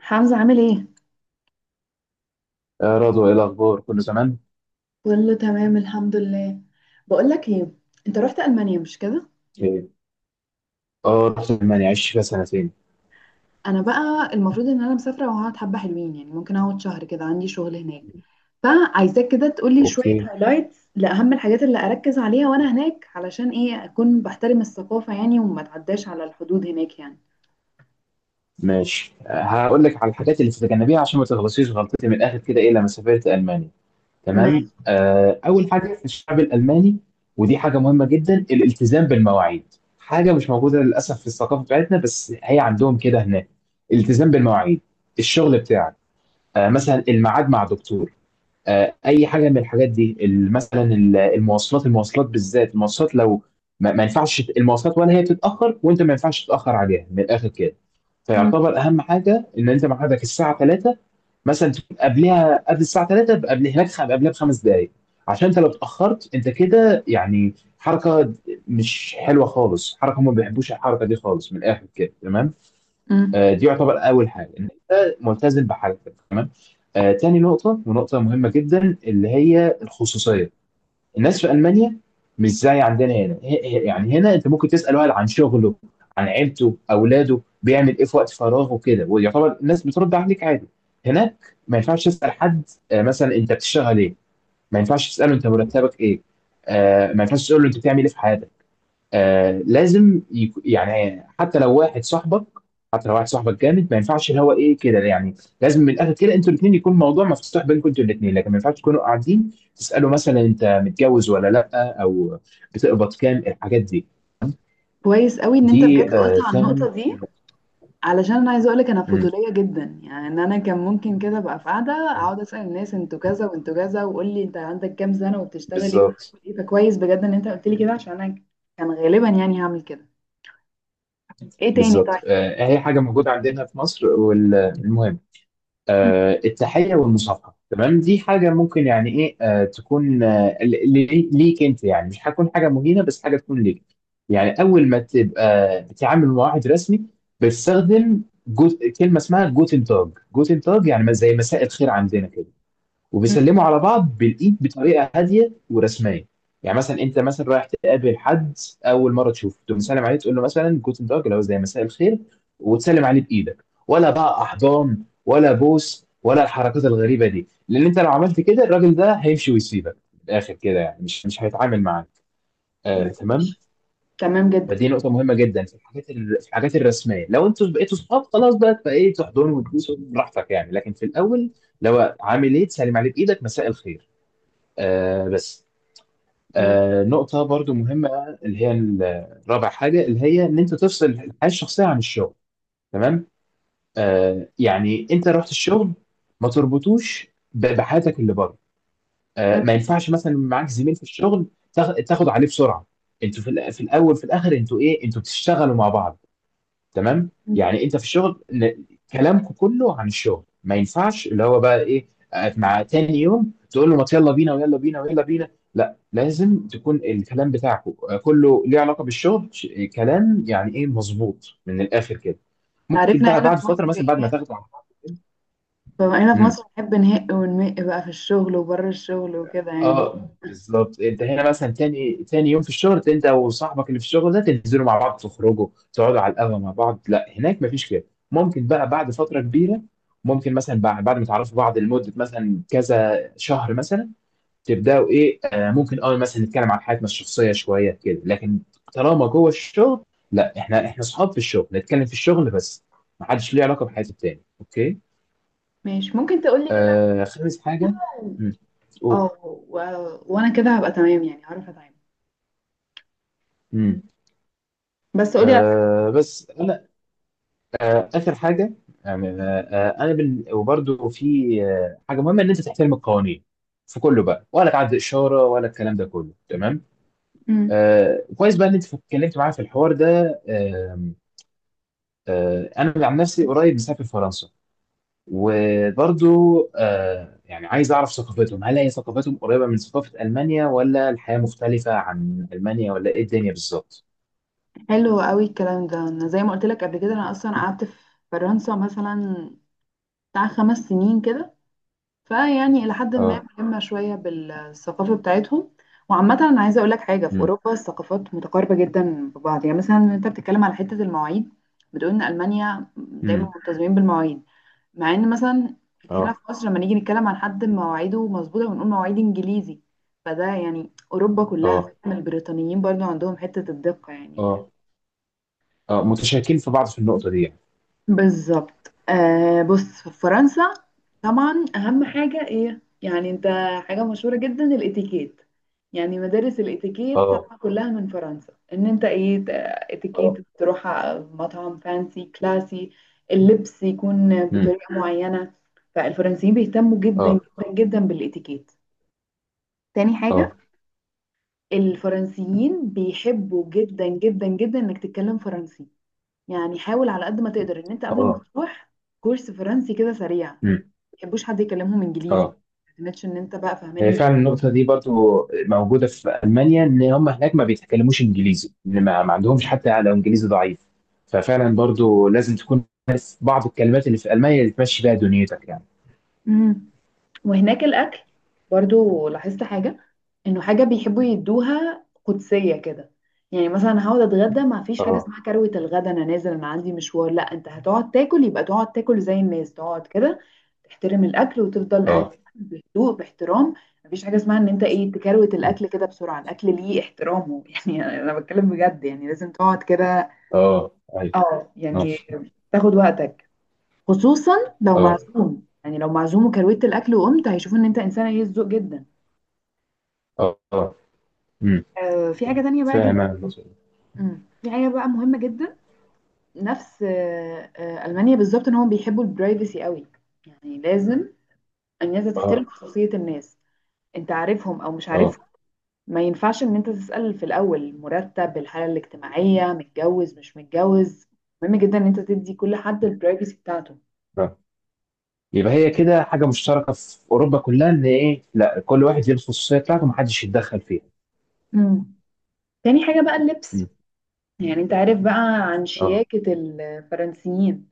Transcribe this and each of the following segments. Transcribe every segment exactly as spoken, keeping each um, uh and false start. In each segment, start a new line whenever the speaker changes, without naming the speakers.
حمزة عامل ايه؟
يا رضوى، ايه الاخبار؟ كله تمام؟
كله تمام الحمد لله. بقول لك ايه، انت رحت المانيا مش كده؟
ايه. اه، رحت المانيا، عشت فيها سنتين.
انا بقى المفروض ان انا مسافره وهقعد حبه حلوين، يعني ممكن اقعد شهر كده، عندي شغل هناك. فعايزاك كده تقول لي شويه
اوكي،
هايلايتس لاهم الحاجات اللي اركز عليها وانا هناك، علشان ايه اكون بحترم الثقافه يعني وما اتعداش على الحدود هناك يعني.
ماشي. آه، هقول لك على الحاجات اللي تتجنبيها عشان ما تغلطيش غلطتي، من الاخر كده، ايه لما سافرت المانيا.
ما
تمام. آه اول حاجه في الشعب الالماني، ودي حاجه مهمه جدا، الالتزام بالمواعيد. حاجه مش موجوده للاسف في الثقافه بتاعتنا، بس هي عندهم كده هناك. الالتزام بالمواعيد، الشغل بتاعك. آه مثلا الميعاد مع دكتور، آه، اي حاجه من الحاجات دي. ال- مثلا ال- المواصلات، المواصلات بالذات. المواصلات لو ما ما ينفعش ت- المواصلات، ولا هي بتتاخر وانت ما ينفعش تتاخر عليها، من الاخر كده.
مم.
فيعتبر اهم حاجه ان انت ميعادك الساعه ثلاثة، مثلا تكون قبلها، قبل الساعه تلاتة، قبل هناك خ- قبلها بخمس دقائق. عشان انت لو اتاخرت انت كده يعني حركه مش حلوه خالص. حركه هم ما بيحبوش الحركه دي خالص، من الاخر كده. تمام.
مم.
آه، دي يعتبر اول حاجه ان انت ملتزم بحاجتك. تمام. آه، تاني نقطه، ونقطه مهمه جدا، اللي هي الخصوصيه. الناس في المانيا مش زي عندنا هنا. هي- هي- يعني هنا انت ممكن تسال واحد عن شغله، عن عيلته، اولاده، بيعمل ايه في وقت فراغه كده، ويعتبر الناس بترد عليك عادي. هناك ما ينفعش تسال حد. آه، مثلا انت بتشتغل ايه، ما ينفعش تساله انت مرتبك ايه، آه، ما ينفعش تساله انت بتعمل ايه في حياتك. آه لازم يك... يعني حتى لو واحد صاحبك، حتى لو واحد صاحبك جامد، ما ينفعش اللي هو ايه كده يعني. لازم من الاخر كده انتوا الاثنين يكون الموضوع مفتوح بينكم انتوا الاثنين، لكن ما ينفعش تكونوا قاعدين تسالوا مثلا انت متجوز ولا لا، او بتقبض كام، الحاجات دي.
كويس قوي ان انت بجد
دي
قلت
آه
على
تاني.
النقطه دي، علشان انا عايزه اقولك انا
مم.
فضوليه جدا، يعني ان انا كان ممكن كده ابقى في قاعده اقعد اسال الناس انتوا كذا وانتوا كذا وقول لي انت عندك كام سنه وبتشتغل ايه
بالظبط.
وبتعمل ايه، فكويس بجد ان انت قلت لي كده عشان انا كان غالبا يعني هعمل كده. ايه تاني طيب؟
بالظبط. آه هي حاجه موجوده عندنا في مصر، والمهم، آه، التحية والمصافحة. تمام، دي حاجة ممكن يعني ايه، آه، تكون، آه، ل- ل- ليك انت يعني، مش هتكون حاجة مهينة، بس حاجة تكون ليك. يعني اول ما تبقى بتتعامل مع واحد رسمي، بتستخدم جزء كلمة اسمها جوتن تاج. جوتن تاج يعني زي مساء الخير عندنا كده.
م- م-
وبيسلموا على بعض بالايد بطريقه هاديه ورسميه. يعني مثلا انت مثلا رايح تقابل حد، اول مره تشوفه تقوم مسلم عليه، تقول له مثلا جوتن تاج اللي هو زي مساء الخير، وتسلم عليه بايدك. ولا بقى احضان ولا بوس ولا الحركات الغريبه دي، لان انت لو عملت كده الراجل ده هيمشي ويسيبك، من الاخر كده يعني مش مش هيتعامل معاك. آه تمام.
ماشي، تمام جدا.
فدي نقطه مهمه جدا في الحاجات ال- في الحاجات الرسميه. لو انتوا بقيتوا صحاب خلاص بقى، فايه، تحضنوا وتبوسوا براحتك يعني، لكن في الاول لو عامل ايه، تسلم عليه بايدك، مساء الخير. آه بس.
م-
آه نقطة برضو مهمة، اللي هي الرابع حاجة، اللي هي إن أنت تفصل الحياة الشخصية عن الشغل. تمام. آه يعني أنت رحت الشغل، ما تربطوش ب- بحياتك اللي بره. آه
م-
ما ينفعش مثلا معاك زميل في الشغل تاخ- تاخد عليه بسرعة. أنتوا في الأ- في الأول، في الآخر أنتوا إيه، أنتوا بتشتغلوا مع بعض. تمام.
م.
يعني انت في الشغل ن- كلامكم كله عن الشغل. ما ينفعش اللي هو بقى ايه، آه، مع تاني يوم تقول له ما يلا بينا ويلا بينا ويلا بينا. لا، لازم تكون الكلام بتاعكم آه، كله ليه علاقه بالشغل. ش- آه، كلام يعني ايه مظبوط، من الاخر كده. ممكن
عرفنا
بقى
هنا
بعد
في
فتره،
مصر
مثلا بعد ما
ايه،
تاخدوا على بعض
فهنا في
كده.
مصر بنحب نهق ونمق بقى في الشغل وبره الشغل وكده يعني.
اه بالظبط. انت هنا مثلا تاني تاني يوم في الشغل انت وصاحبك اللي في الشغل ده، تنزلوا مع بعض، تخرجوا، تقعدوا على القهوه مع بعض. لا، هناك مفيش كده. ممكن بقى بعد فتره كبيره، ممكن مثلا بعد بعد ما تعرفوا بعض لمده مثلا كذا شهر مثلا، تبداوا ايه، آه ممكن اه مثلا نتكلم عن حياتنا الشخصيه شويه كده، لكن طالما جوه الشغل، لا، احنا احنا اصحاب في الشغل، نتكلم في الشغل بس. محدش ليه علاقه بحياه التاني. اوكي.
ماشي، ممكن تقولي كده.
آه خامس حاجه. امم قول.
اه، و- وانا كده هبقى تمام يعني هعرف اتعامل،
امم
بس قولي على حاجة.
آه بس انا آه، اخر حاجه يعني، آه، آه، انا بال... وبرده في آه، حاجه مهمه ان انت تحترم القوانين في كله بقى، ولا تعدي اشاره، ولا الكلام ده كله. تمام.
م.
آه كويس بقى ان انت اتكلمت معايا في الحوار ده. آه آه انا عن نفسي قريب مسافر فرنسا، وبرضو آه يعني عايز اعرف ثقافتهم، هل هي ثقافتهم قريبه من ثقافه المانيا، ولا الحياه مختلفه عن المانيا، ولا ايه الدنيا بالظبط.
حلو قوي الكلام ده. انا زي ما قلت لك قبل كده انا اصلا قعدت في فرنسا مثلا بتاع خمس سنين كده، فيعني الى حد ما
اه.
ملمه شويه بالثقافه بتاعتهم. وعامه انا عايزه اقول لك حاجه، في
امم
اوروبا الثقافات متقاربه جدا ببعض، يعني مثلا انت بتتكلم على حته المواعيد، بتقول ان المانيا دايما
امم.
ملتزمين بالمواعيد، مع ان مثلا هنا في
اه
مصر لما نيجي نتكلم عن حد مواعيده مظبوطه بنقول مواعيد انجليزي، فده يعني اوروبا كلها
اه
فاهم، البريطانيين برضو عندهم حته الدقه يعني.
اه اه، متشاركين في بعض في النقطه دي يعني.
بالظبط. آه بص، في فرنسا طبعا اهم حاجه ايه يعني انت، حاجه مشهوره جدا الاتيكيت، يعني مدارس الاتيكيت
اه.
طبعا كلها من فرنسا، ان انت ايه ت- اتيكيت
اه.
تروح على مطعم فانسي كلاسي، اللبس يكون
امم
بطريقه معينه. فالفرنسيين بيهتموا جدا
اه.
جدا جدا بالاتيكيت. تاني حاجه،
اه.
الفرنسيين بيحبوا جدا جدا جدا انك تتكلم فرنسي، يعني حاول على قد ما تقدر ان انت قبل ما
اه.
تروح كورس فرنسي كده سريع، ما
امم
تحبوش حد يكلمهم انجليزي،
اه،
ما تعتمدش ان انت بقى فاهمان.
هي فعلا النقطة دي برضو موجودة في ألمانيا، إن هم هناك ما بيتكلموش إنجليزي. إن ما, ما عندهمش، حتى لو إنجليزي ضعيف. ففعلا برضو لازم تكون عارف بعض الكلمات اللي في ألمانيا اللي تمشي بيها دنيتك يعني.
مم. وهناك الأكل برضو لاحظت حاجة، إنه حاجة بيحبوا يدوها قدسية كده. يعني مثلا هقعد أتغدى ما فيش حاجة
اه.
اسمها كروة الغدا أنا نازل أنا عندي مشوار، لا أنت هتقعد تاكل، يبقى تقعد تاكل زي الناس تقعد كده، تحترم الأكل وتفضل قاعد
اه.
بهدوء باحترام. مفيش حاجة اسمها إن أنت إيه تكروت
مم.
الأكل كده بسرعة، الأكل ليه احترامه يعني أنا بتكلم بجد يعني لازم تقعد كده.
اه. أيوه.
اه
اه.
يعني، تاخد وقتك، خصوصا لو
اه.
معزوم، يعني لو معزوم وكروت الاكل وقمت هيشوفوا ان انت انسانه هي الذوق جدا.
اه. اه. امم
آه في حاجه تانية بقى
فاهم أنا
جدا،
النقطة دي.
مم. في حاجه بقى مهمه جدا، نفس آه آه المانيا بالظبط، ان هم بيحبوا البرايفسي قوي، يعني لازم الناس ده تحترم
اه.
خصوصيه الناس، انت عارفهم او مش
اه.
عارفهم، ما ينفعش ان انت تسال في الاول مرتب، الحاله الاجتماعيه، متجوز مش متجوز، مهم جدا ان انت تدي كل حد البرايفسي بتاعته.
آه. يبقى هي كده حاجة مشتركة في أوروبا كلها، إن إيه، لا، كل واحد ليه الخصوصية بتاعته، محدش يتدخل فيها.
مم. تاني حاجه بقى اللبس، يعني انت عارف بقى عن
اه.
شياكة الفرنسيين،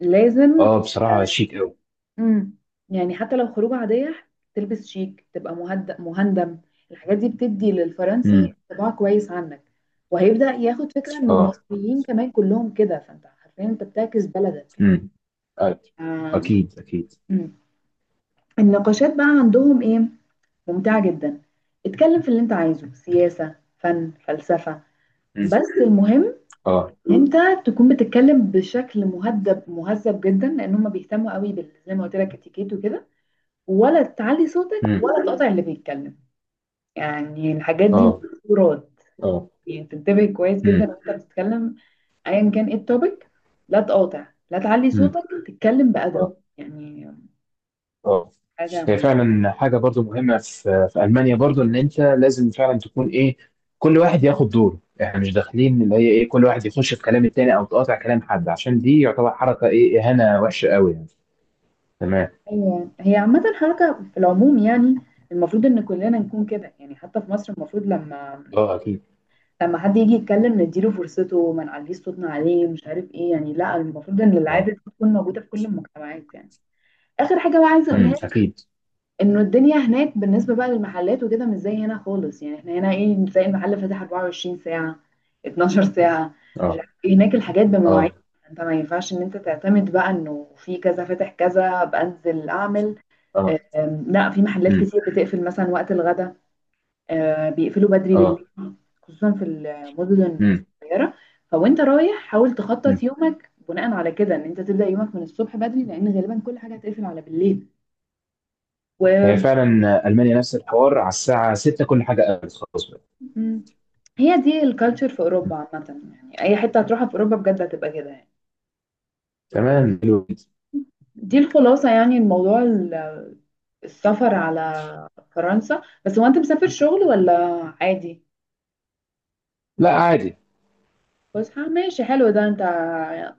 لازم.
اه بصراحة شيك قوي.
امم، يعني حتى لو خروجة عادية تلبس شيك، تبقى مهدأ مهندم. الحاجات دي بتدي للفرنسي
امم
انطباع كويس عنك، وهيبدأ ياخد فكرة انه
اه.
المصريين كمان كلهم كده، فانت حرفيا انت بتعكس بلدك.
امم آه.
آم،
اكيد اكيد.
مم. النقاشات بقى عندهم ايه، ممتعة جدا. اتكلم في اللي انت عايزه، سياسة، فن، فلسفة،
امم
بس المهم
اه.
انت تكون بتتكلم بشكل مهذب، مهذب جدا، لان هم بيهتموا قوي بال زي ما قلت لك اتيكيت وكده، ولا تعلي صوتك
امم
ولا تقطع اللي بيتكلم، يعني الحاجات دي
اه.
محظورات.
اه.
يعني تنتبه كويس جدا
امم
وانت بتتكلم ايا كان ايه التوبيك، لا تقاطع، لا تعلي
امم
صوتك، تتكلم بأدب
اه
يعني،
اه،
حاجة
هي
مهمة.
فعلا حاجة برضو مهمة في في ألمانيا برضو، إن أنت لازم فعلا تكون إيه، كل واحد ياخد دوره. إحنا مش داخلين اللي هي إيه، كل واحد يخش في كلام التاني، أو تقاطع كلام حد، عشان دي يعتبر حركة إيه، إهانة وحشة قوي يعني. تمام.
هي هي عامة حركة في العموم يعني، المفروض ان كلنا نكون كده يعني، حتى في مصر المفروض لما
اه أكيد.
لما حد يجي يتكلم نديله فرصته، ما نعليش صوتنا عليه مش عارف ايه، يعني لا المفروض ان العادة
اه.
دي تكون موجودة في كل المجتمعات يعني. اخر حاجة بقى عايزة اقولها
امم
لك،
أكيد.
انه الدنيا هناك بالنسبة بقى للمحلات وكده مش زي هنا خالص، يعني احنا هنا ايه تلاقي المحل فاتح 24 ساعة، 12 ساعة، مش
اه.
عارف ايه، هناك الحاجات بمواعيد،
اه.
انت ما ينفعش ان انت تعتمد بقى انه في كذا فاتح كذا بنزل اعمل.
اه.
أم، لا في محلات
امم
كتير بتقفل مثلا وقت الغدا، آه، بيقفلوا بدري بالليل،
اه.
خصوصا في المدن
امم
الصغيرة. فوانت رايح حاول
أمم.
تخطط يومك بناء على كده، ان انت تبدأ يومك من الصبح بدري لان غالبا كل حاجة هتقفل على بالليل. و
هي فعلا المانيا نفس الحوار، على الساعه ستة كل حاجه قفلت خلاص بقى.
مم. هي دي الكالتشر في
م.
اوروبا عامة يعني، اي حتة هتروحها في اوروبا بجد هتبقى كده يعني،
تمام، حلو جدا.
دي الخلاصة. يعني الموضوع ال- السفر على فرنسا، بس هو انت مسافر شغل ولا عادي؟
لا عادي.
فسحة، ماشي حلو. ده انت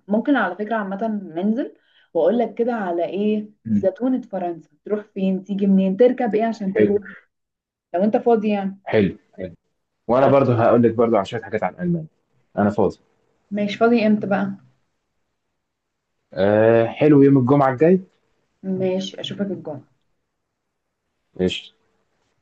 ممكن على فكرة عامة ننزل واقول لك كده على ايه
م.
زتونة فرنسا، تروح فين، تيجي منين، تركب ايه عشان
حلو
تروح، لو انت فاضي يعني.
حلو. حلو،
طب
وانا
انت-
برضو هقول لك برضو عن شويه حاجات عن المانيا. انا فاضي.
ماشي، فاضي امتى بقى؟
أه حلو، يوم الجمعه الجاي.
ماشي، اشوفك الجمعة.
قشطه.